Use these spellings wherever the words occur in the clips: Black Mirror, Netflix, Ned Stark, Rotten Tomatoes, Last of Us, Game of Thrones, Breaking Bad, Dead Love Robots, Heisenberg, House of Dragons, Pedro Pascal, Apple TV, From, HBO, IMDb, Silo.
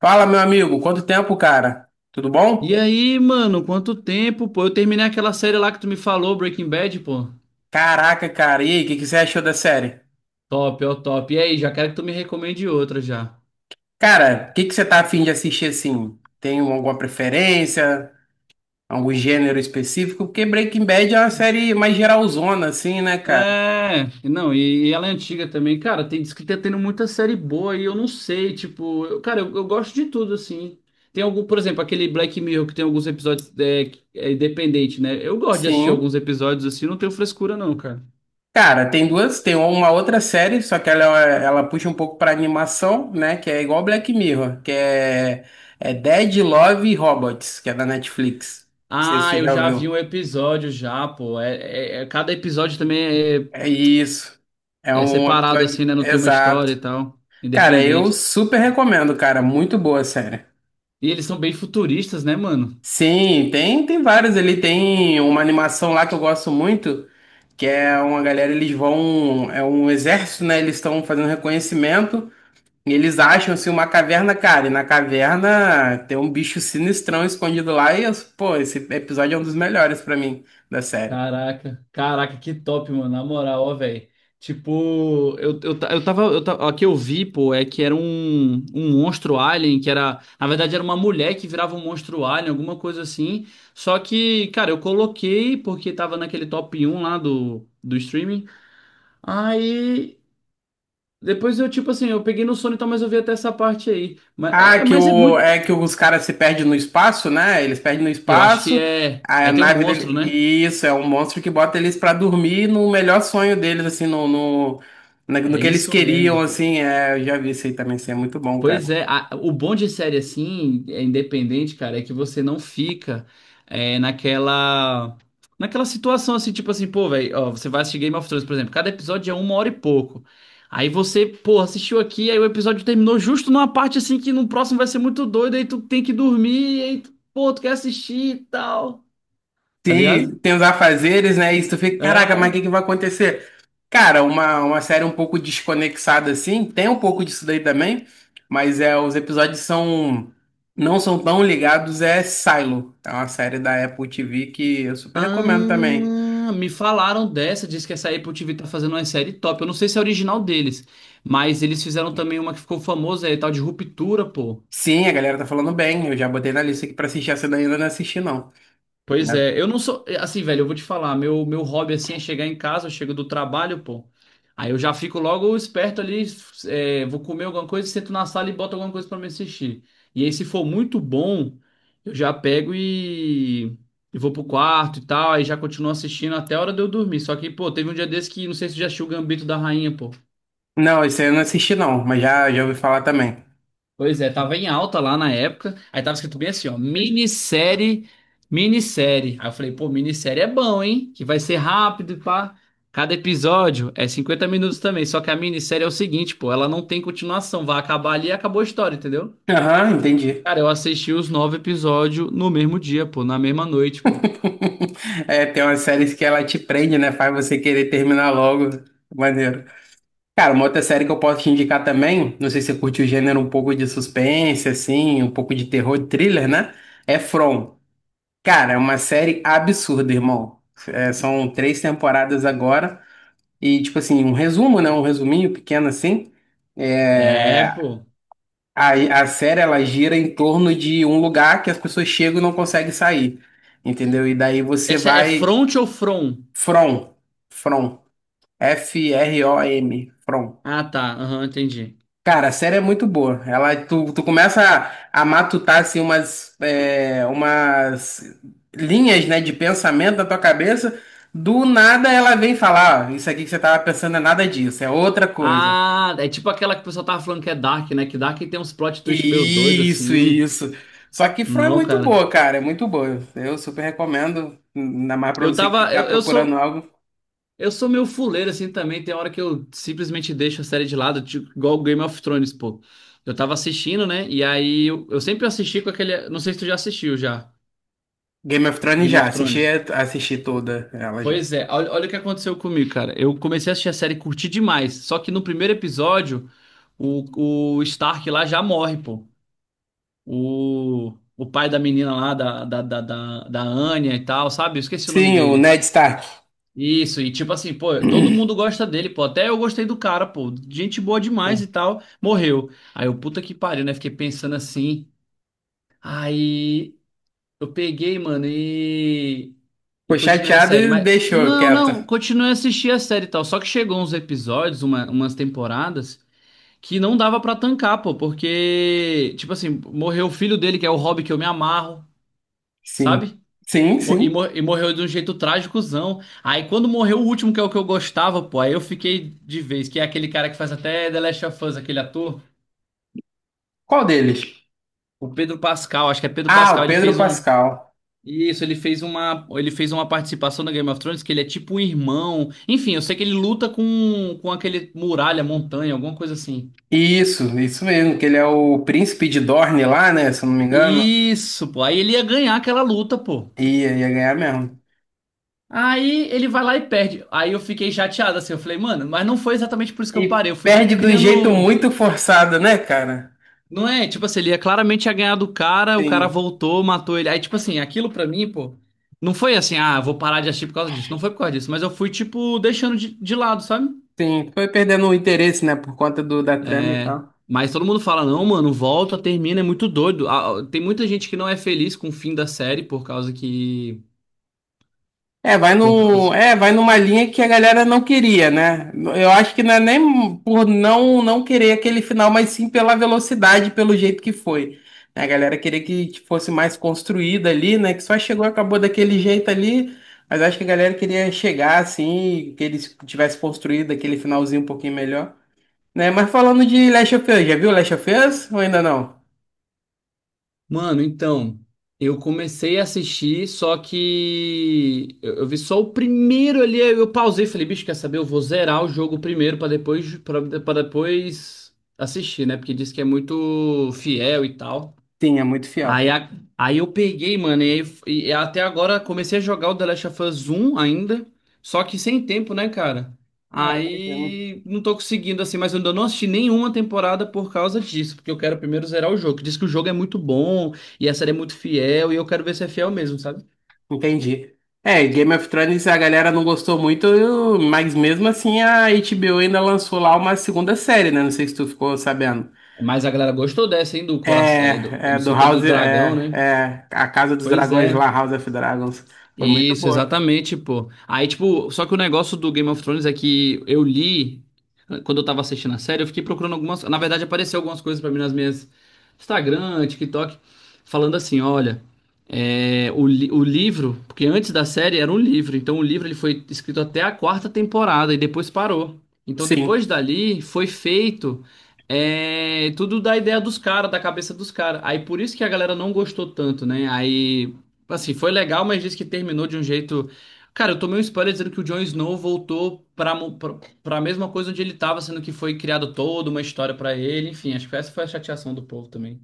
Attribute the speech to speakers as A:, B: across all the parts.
A: Fala, meu amigo, quanto tempo, cara? Tudo
B: E
A: bom?
B: aí, mano, quanto tempo, pô? Eu terminei aquela série lá que tu me falou, Breaking Bad, pô.
A: Caraca, cara, e aí, o que que você achou da série?
B: Top, ó, top. E aí, já quero que tu me recomende outra já.
A: Cara, o que que você tá afim de assistir assim? Tem alguma preferência? Algum gênero específico? Porque Breaking Bad é uma série mais geralzona, assim, né, cara?
B: É, não, e ela é antiga também. Cara, tem, diz que tá tendo muita série boa e eu não sei, tipo, eu gosto de tudo, assim. Tem algum, por exemplo, aquele Black Mirror que tem alguns episódios que é independente, né? Eu gosto de assistir
A: Sim.
B: alguns episódios assim, não tenho frescura não, cara.
A: Cara, tem duas, tem uma outra série, só que ela puxa um pouco pra animação, né? Que é igual Black Mirror, que é Dead Love Robots, que é da Netflix. Não sei se
B: Ah,
A: você
B: eu
A: já
B: já vi
A: ouviu.
B: um episódio já, pô. É, cada episódio também é.
A: É isso. É
B: É
A: um
B: separado
A: episódio.
B: assim, né? Não tem uma história
A: Exato.
B: e tal.
A: Cara, eu
B: Independente.
A: super recomendo, cara. Muito boa a série.
B: E eles são bem futuristas, né, mano?
A: Sim, tem vários ali. Tem uma animação lá que eu gosto muito, que é uma galera, eles vão. É um exército, né? Eles estão fazendo reconhecimento. E eles acham assim uma caverna, cara. E na caverna tem um bicho sinistrão escondido lá. E eu, pô, esse episódio é um dos melhores pra mim da série.
B: Caraca, caraca, que top, mano. Na moral, ó, velho. Tipo, eu tava. Ó, o que eu vi, pô, é que era um monstro alien, que era. Na verdade, era uma mulher que virava um monstro alien, alguma coisa assim. Só que, cara, eu coloquei porque tava naquele top um lá do streaming. Aí. Depois eu, tipo assim, eu peguei no sono e tal, mas eu vi até essa parte aí.
A: Ah,
B: Mas é muito.
A: é que os caras se perdem no espaço, né? Eles perdem no
B: Eu acho que
A: espaço,
B: é.
A: a
B: Aí tem um
A: nave
B: monstro,
A: dele.
B: né?
A: Isso, é um monstro que bota eles pra dormir no melhor sonho deles, assim, no
B: É
A: que eles
B: isso
A: queriam,
B: mesmo.
A: assim. É, eu já vi isso aí também, assim, é muito bom,
B: Pois
A: cara.
B: é, a- o bom de série assim, é independente, cara, é que você não fica naquela. Naquela situação assim, tipo assim, pô, velho, ó, você vai assistir Game of Thrones, por exemplo, cada episódio é uma hora e pouco. Aí você, pô, assistiu aqui, aí o episódio terminou justo numa parte assim que no próximo vai ser muito doido, aí tu tem que dormir, aí tu, pô, tu quer assistir e tal. Tá
A: Tem,
B: ligado?
A: tem os afazeres, né? E tu fica, caraca, mas o que
B: É.
A: que vai acontecer? Cara, uma série um pouco desconexada assim, tem um pouco disso daí também, mas é, não são tão ligados, é Silo. É uma série da Apple TV que eu super recomendo também.
B: Ah, me falaram dessa, diz que essa Apple TV tá fazendo uma série top. Eu não sei se é original deles, mas eles fizeram também uma que ficou famosa aí, tal de Ruptura, pô.
A: Sim, a galera tá falando bem, eu já botei na lista aqui pra assistir, essa daí eu ainda não assisti não.
B: Pois
A: Né?
B: é, eu não sou. Assim, velho, eu vou te falar, meu hobby assim é chegar em casa, eu chego do trabalho, pô. Aí eu já fico logo esperto ali, vou comer alguma coisa, sento na sala e boto alguma coisa pra me assistir. E aí, se for muito bom, eu já pego e vou pro quarto e tal, aí já continuo assistindo até a hora de eu dormir. Só que, pô, teve um dia desse que não sei se você já assistiu o Gambito da Rainha, pô.
A: Não, esse aí eu não assisti não, mas já ouvi falar também.
B: Pois é, tava em alta lá na época. Aí tava escrito bem assim, ó, minissérie. Aí eu falei, pô, minissérie é bom, hein? Que vai ser rápido e pá. Cada episódio é 50 minutos também. Só que a minissérie é o seguinte, pô, ela não tem continuação. Vai acabar ali e acabou a história, entendeu?
A: Aham, entendi.
B: Cara, eu assisti os 9 episódios no mesmo dia, pô, na mesma noite, pô.
A: É, tem umas séries que ela te prende, né? Faz você querer terminar logo. Maneiro. Cara, uma outra série que eu posso te indicar também, não sei se você curte o gênero um pouco de suspense, assim, um pouco de terror, thriller, né? É From. Cara, é uma série absurda, irmão. É, são três temporadas agora. E, tipo assim, um resumo, né? Um resuminho pequeno, assim. É,
B: É, pô.
A: a série ela gira em torno de um lugar que as pessoas chegam e não conseguem sair, entendeu? E daí você
B: Essa é
A: vai
B: front ou from?
A: From, From, F-R-O-M, From.
B: Ah, tá. Aham, entendi.
A: Cara, a série é muito boa. Tu começa a matutar assim, umas linhas, né, de pensamento na tua cabeça. Do nada ela vem falar, ó, isso aqui que você tava pensando é nada disso, é outra coisa.
B: Ah, é tipo aquela que o pessoal tava falando que é Dark, né? Que Dark tem uns plot twist meio doido,
A: Isso,
B: assim.
A: isso. Só que From é
B: Não,
A: muito
B: cara.
A: boa, cara, é muito boa. Eu super recomendo, ainda mais pra
B: Eu
A: você que
B: tava.
A: tá
B: Eu
A: procurando
B: sou.
A: algo.
B: Eu sou meio fuleiro assim também. Tem hora que eu simplesmente deixo a série de lado, tipo, igual Game of Thrones, pô. Eu tava assistindo, né? E aí eu sempre assisti com aquele. Não sei se tu já assistiu já,
A: Game of Thrones
B: Game
A: já,
B: of
A: assisti,
B: Thrones.
A: assisti toda ela já.
B: Pois é, olha, olha o que aconteceu comigo, cara. Eu comecei a assistir a série, e curti demais. Só que no primeiro episódio, o Stark lá já morre, pô. O pai da menina lá, da Anya e tal, sabe? Eu esqueci o nome
A: Sim, o
B: dele.
A: Ned Stark.
B: Isso, e tipo assim, pô, todo
A: Sim.
B: mundo gosta dele, pô. Até eu gostei do cara, pô. Gente boa demais e tal. Morreu. Aí eu, puta que pariu, né? Fiquei pensando assim. Aí eu peguei, mano, e. E
A: Ficou
B: continuei a
A: chateado
B: série.
A: e
B: Mas.
A: deixou
B: Não,
A: quieto.
B: não, continuei a assistir a série e tal. Só que chegou uns episódios, umas temporadas, que não dava pra tancar, pô. Porque, tipo assim, morreu o filho dele, que é o Hobby que eu me amarro,
A: Sim.
B: sabe?
A: Sim,
B: Mo- E,
A: sim.
B: mor- e morreu de um jeito trágicozão. Aí quando morreu o último, que é o que eu gostava, pô, aí eu fiquei de vez, que é aquele cara que faz até The Last of Us, aquele ator,
A: Qual deles?
B: o Pedro Pascal, acho que é Pedro
A: Ah,
B: Pascal,
A: o
B: ele
A: Pedro
B: fez um.
A: Pascal.
B: Isso, ele fez uma participação na Game of Thrones que ele é tipo um irmão. Enfim, eu sei que ele luta com aquele muralha, montanha, alguma coisa assim.
A: Isso mesmo, que ele é o príncipe de Dorne lá, né? Se eu não me engano.
B: Isso, pô. Aí ele ia ganhar aquela luta, pô.
A: Ia ganhar mesmo.
B: Aí ele vai lá e perde. Aí eu fiquei chateado assim, eu falei, mano, mas não foi exatamente por isso que eu
A: E
B: parei. Eu fui tipo
A: perde de um jeito
B: criando.
A: muito forçado, né, cara?
B: Não é, tipo assim, ele ia claramente ia ganhar do cara, o cara
A: Sim,
B: voltou, matou ele. Aí, tipo assim, aquilo pra mim, pô, não foi assim, ah, vou parar de assistir por causa disso. Não foi por causa disso, mas eu fui, tipo, deixando de lado, sabe?
A: sim. Foi perdendo o interesse, né? Por conta da trama e
B: É.
A: tal.
B: Mas todo mundo fala, não, mano, volta, termina, é muito doido. Ah, tem muita gente que não é feliz com o fim da série por causa que.
A: É, vai
B: Por causa.
A: no é, vai numa linha que a galera não queria, né? Eu acho que não é nem por não querer aquele final, mas sim pela velocidade, pelo jeito que foi. Né, a galera queria que fosse mais construída ali, né? Que só chegou, e acabou daquele jeito ali, mas acho que a galera queria chegar assim, que eles tivessem construído aquele finalzinho um pouquinho melhor, né? Mas falando de Last of Us, já viu Last of Us ou ainda não?
B: Mano, então, eu comecei a assistir, só que eu vi só o primeiro ali, aí eu pausei, e falei, bicho, quer saber? Eu vou zerar o jogo primeiro pra depois para depois assistir, né? Porque diz que é muito fiel e tal.
A: Sim, é muito fiel.
B: Aí, a- aí eu peguei, mano, e até agora comecei a jogar o The Last of Us 1 ainda, só que sem tempo, né, cara?
A: Ah, imagino.
B: Aí não tô conseguindo assim, mas eu ainda não assisti nenhuma temporada por causa disso, porque eu quero primeiro zerar o jogo. Que diz que o jogo é muito bom e a série é muito fiel e eu quero ver se é fiel mesmo, sabe?
A: Entendi. É, Game of Thrones a galera não gostou muito, mas mesmo assim a HBO ainda lançou lá uma segunda série, né? Não sei se tu ficou sabendo.
B: Mas a galera gostou dessa, hein, do coração,
A: É, é
B: não
A: do
B: sei o que, do
A: House,
B: dragão,
A: é,
B: né?
A: é a Casa dos
B: Pois
A: Dragões lá,
B: é.
A: House of Dragons. Foi muito
B: Isso,
A: boa.
B: exatamente, pô. Aí, tipo, só que o negócio do Game of Thrones é que eu li, quando eu tava assistindo a série, eu fiquei procurando algumas. Na verdade, apareceu algumas coisas pra mim nas minhas Instagram, TikTok, falando assim: olha, o livro, porque antes da série era um livro, então o livro ele foi escrito até a 4ª temporada e depois parou. Então,
A: Sim.
B: depois dali, foi feito. Tudo da ideia dos caras, da cabeça dos caras. Aí por isso que a galera não gostou tanto, né? Aí assim, foi legal, mas disse que terminou de um jeito. Cara, eu tomei um spoiler dizendo que o Jon Snow voltou pra, pra mesma coisa onde ele tava, sendo que foi criado toda uma história pra ele. Enfim, acho que essa foi a chateação do povo também.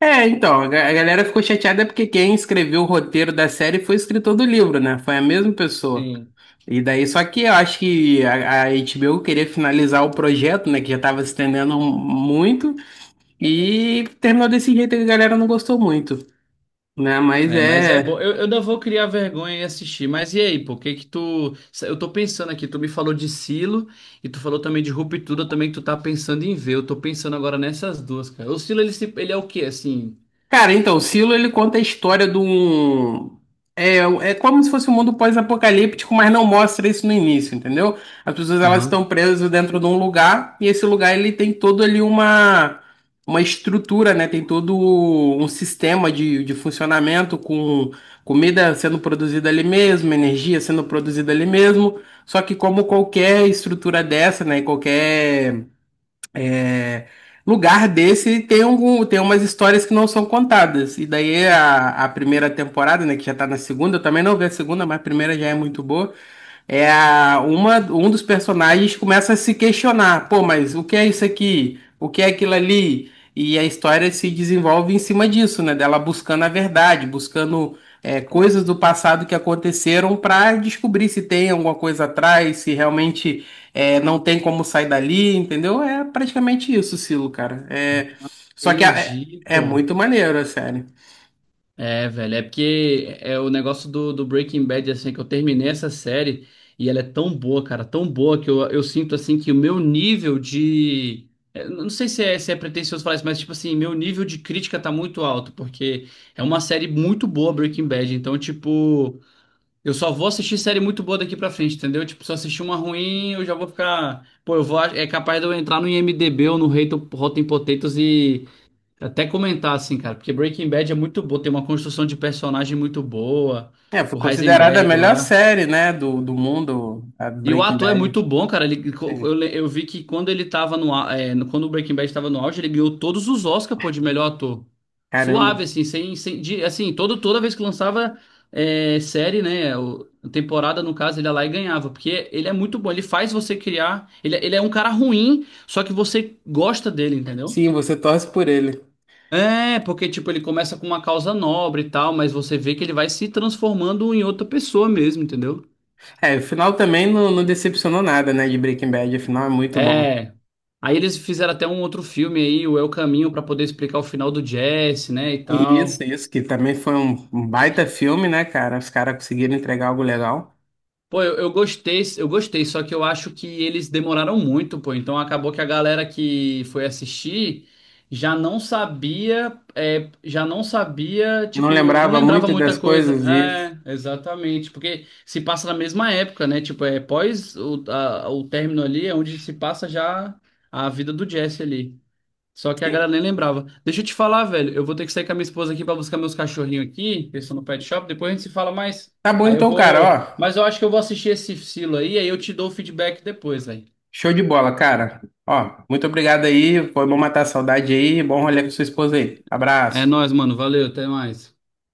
A: É, então, a galera ficou chateada porque quem escreveu o roteiro da série foi o escritor do livro, né? Foi a mesma pessoa.
B: Sim.
A: E daí, só que eu acho que a HBO queria finalizar o projeto, né? Que já tava se estendendo muito. E terminou desse jeito que a galera não gostou muito, né? Mas
B: É, mas é bom.
A: é.
B: Eu ainda vou criar vergonha e assistir. Mas e aí, pô, o que que tu. Eu tô pensando aqui, tu me falou de Silo e tu falou também de Ruptura, também que tu tá pensando em ver. Eu tô pensando agora nessas duas, cara. O Silo, ele, se- ele é o quê, assim?
A: Cara, então, o Silo ele conta a história de um. É, é como se fosse um mundo pós-apocalíptico, mas não mostra isso no início, entendeu? As pessoas elas estão
B: Aham.
A: presas dentro de um lugar e esse lugar ele tem todo ali uma estrutura, né? Tem todo um sistema de funcionamento com comida sendo produzida ali mesmo, energia sendo produzida ali mesmo. Só que como qualquer estrutura dessa, né? Qualquer é, lugar desse tem umas histórias que não são contadas. E daí a primeira temporada, né, que já tá na segunda, eu também não vi a segunda, mas a primeira já é muito boa. Um dos personagens começa a se questionar, pô, mas o que é isso aqui? O que é aquilo ali? E a história se desenvolve em cima disso, né? Dela buscando a verdade, coisas do passado que aconteceram para descobrir se tem alguma coisa atrás, se realmente não tem como sair dali, entendeu? É praticamente isso, Silo, cara. É, só que a- é,
B: Entendi,
A: é
B: pô.
A: muito maneiro a série.
B: É, velho, é porque é o negócio do Breaking Bad, assim, que eu terminei essa série e ela é tão boa, cara, tão boa que eu sinto, assim, que o meu nível de. Eu não sei se é, se é pretensioso falar isso, mas, tipo assim, meu nível de crítica tá muito alto, porque é uma série muito boa, Breaking Bad, então, tipo, eu só vou assistir série muito boa daqui pra frente, entendeu? Tipo, se eu assistir uma ruim, eu já vou ficar. Pô, eu vou. É capaz de eu entrar no IMDb ou no Rotten Potatoes e. Até comentar assim, cara, porque Breaking Bad é muito bom, tem uma construção de personagem muito boa,
A: É, foi
B: o
A: considerada a
B: Heisenberg
A: melhor
B: lá.
A: série, né, do mundo, a
B: E o
A: Breaking
B: ator é
A: Bad.
B: muito bom, cara. Ele, co- eu,
A: Sim.
B: le- eu vi que quando ele tava quando o Breaking Bad tava no auge, ele ganhou todos os Oscars, pô, de melhor ator.
A: Caramba.
B: Suave, assim, sem, sem de- assim, toda vez que lançava série, né, temporada, no caso, ele ia lá e ganhava, porque ele é muito bom, ele faz você criar, ele é um cara ruim, só que você gosta dele, entendeu?
A: Sim, você torce por ele.
B: É, porque, tipo, ele começa com uma causa nobre e tal, mas você vê que ele vai se transformando em outra pessoa mesmo, entendeu?
A: É, o final também não, não decepcionou nada, né, de Breaking Bad. O final é muito bom.
B: É. Aí eles fizeram até um outro filme aí, o É o Caminho, pra poder explicar o final do Jesse, né, e
A: Isso,
B: tal.
A: isso, que também foi um baita filme, né, cara? Os caras conseguiram entregar algo legal.
B: Pô, eu gostei, só que eu acho que eles demoraram muito, pô. Então acabou que a galera que foi assistir já não sabia, já não sabia,
A: Não
B: tipo, não
A: lembrava
B: lembrava
A: muito
B: muita
A: das
B: coisa.
A: coisas e...
B: É, exatamente, porque se passa na mesma época, né? Tipo, é pós o término ali, é onde se passa já a vida do Jesse ali. Só que a
A: Sim.
B: galera nem lembrava. Deixa eu te falar, velho. Eu vou ter que sair com a minha esposa aqui pra buscar meus cachorrinhos aqui, que eles estão no pet shop. Depois a gente se fala mais.
A: Tá bom
B: Aí eu
A: então, cara,
B: vou.
A: ó.
B: Mas eu acho que eu vou assistir esse silo aí, aí eu te dou o feedback depois, velho.
A: Show de bola, cara. Ó, muito obrigado aí. Foi bom matar a saudade aí. Bom rolê com sua esposa aí.
B: É
A: Abraço.
B: nóis, mano. Valeu, até mais.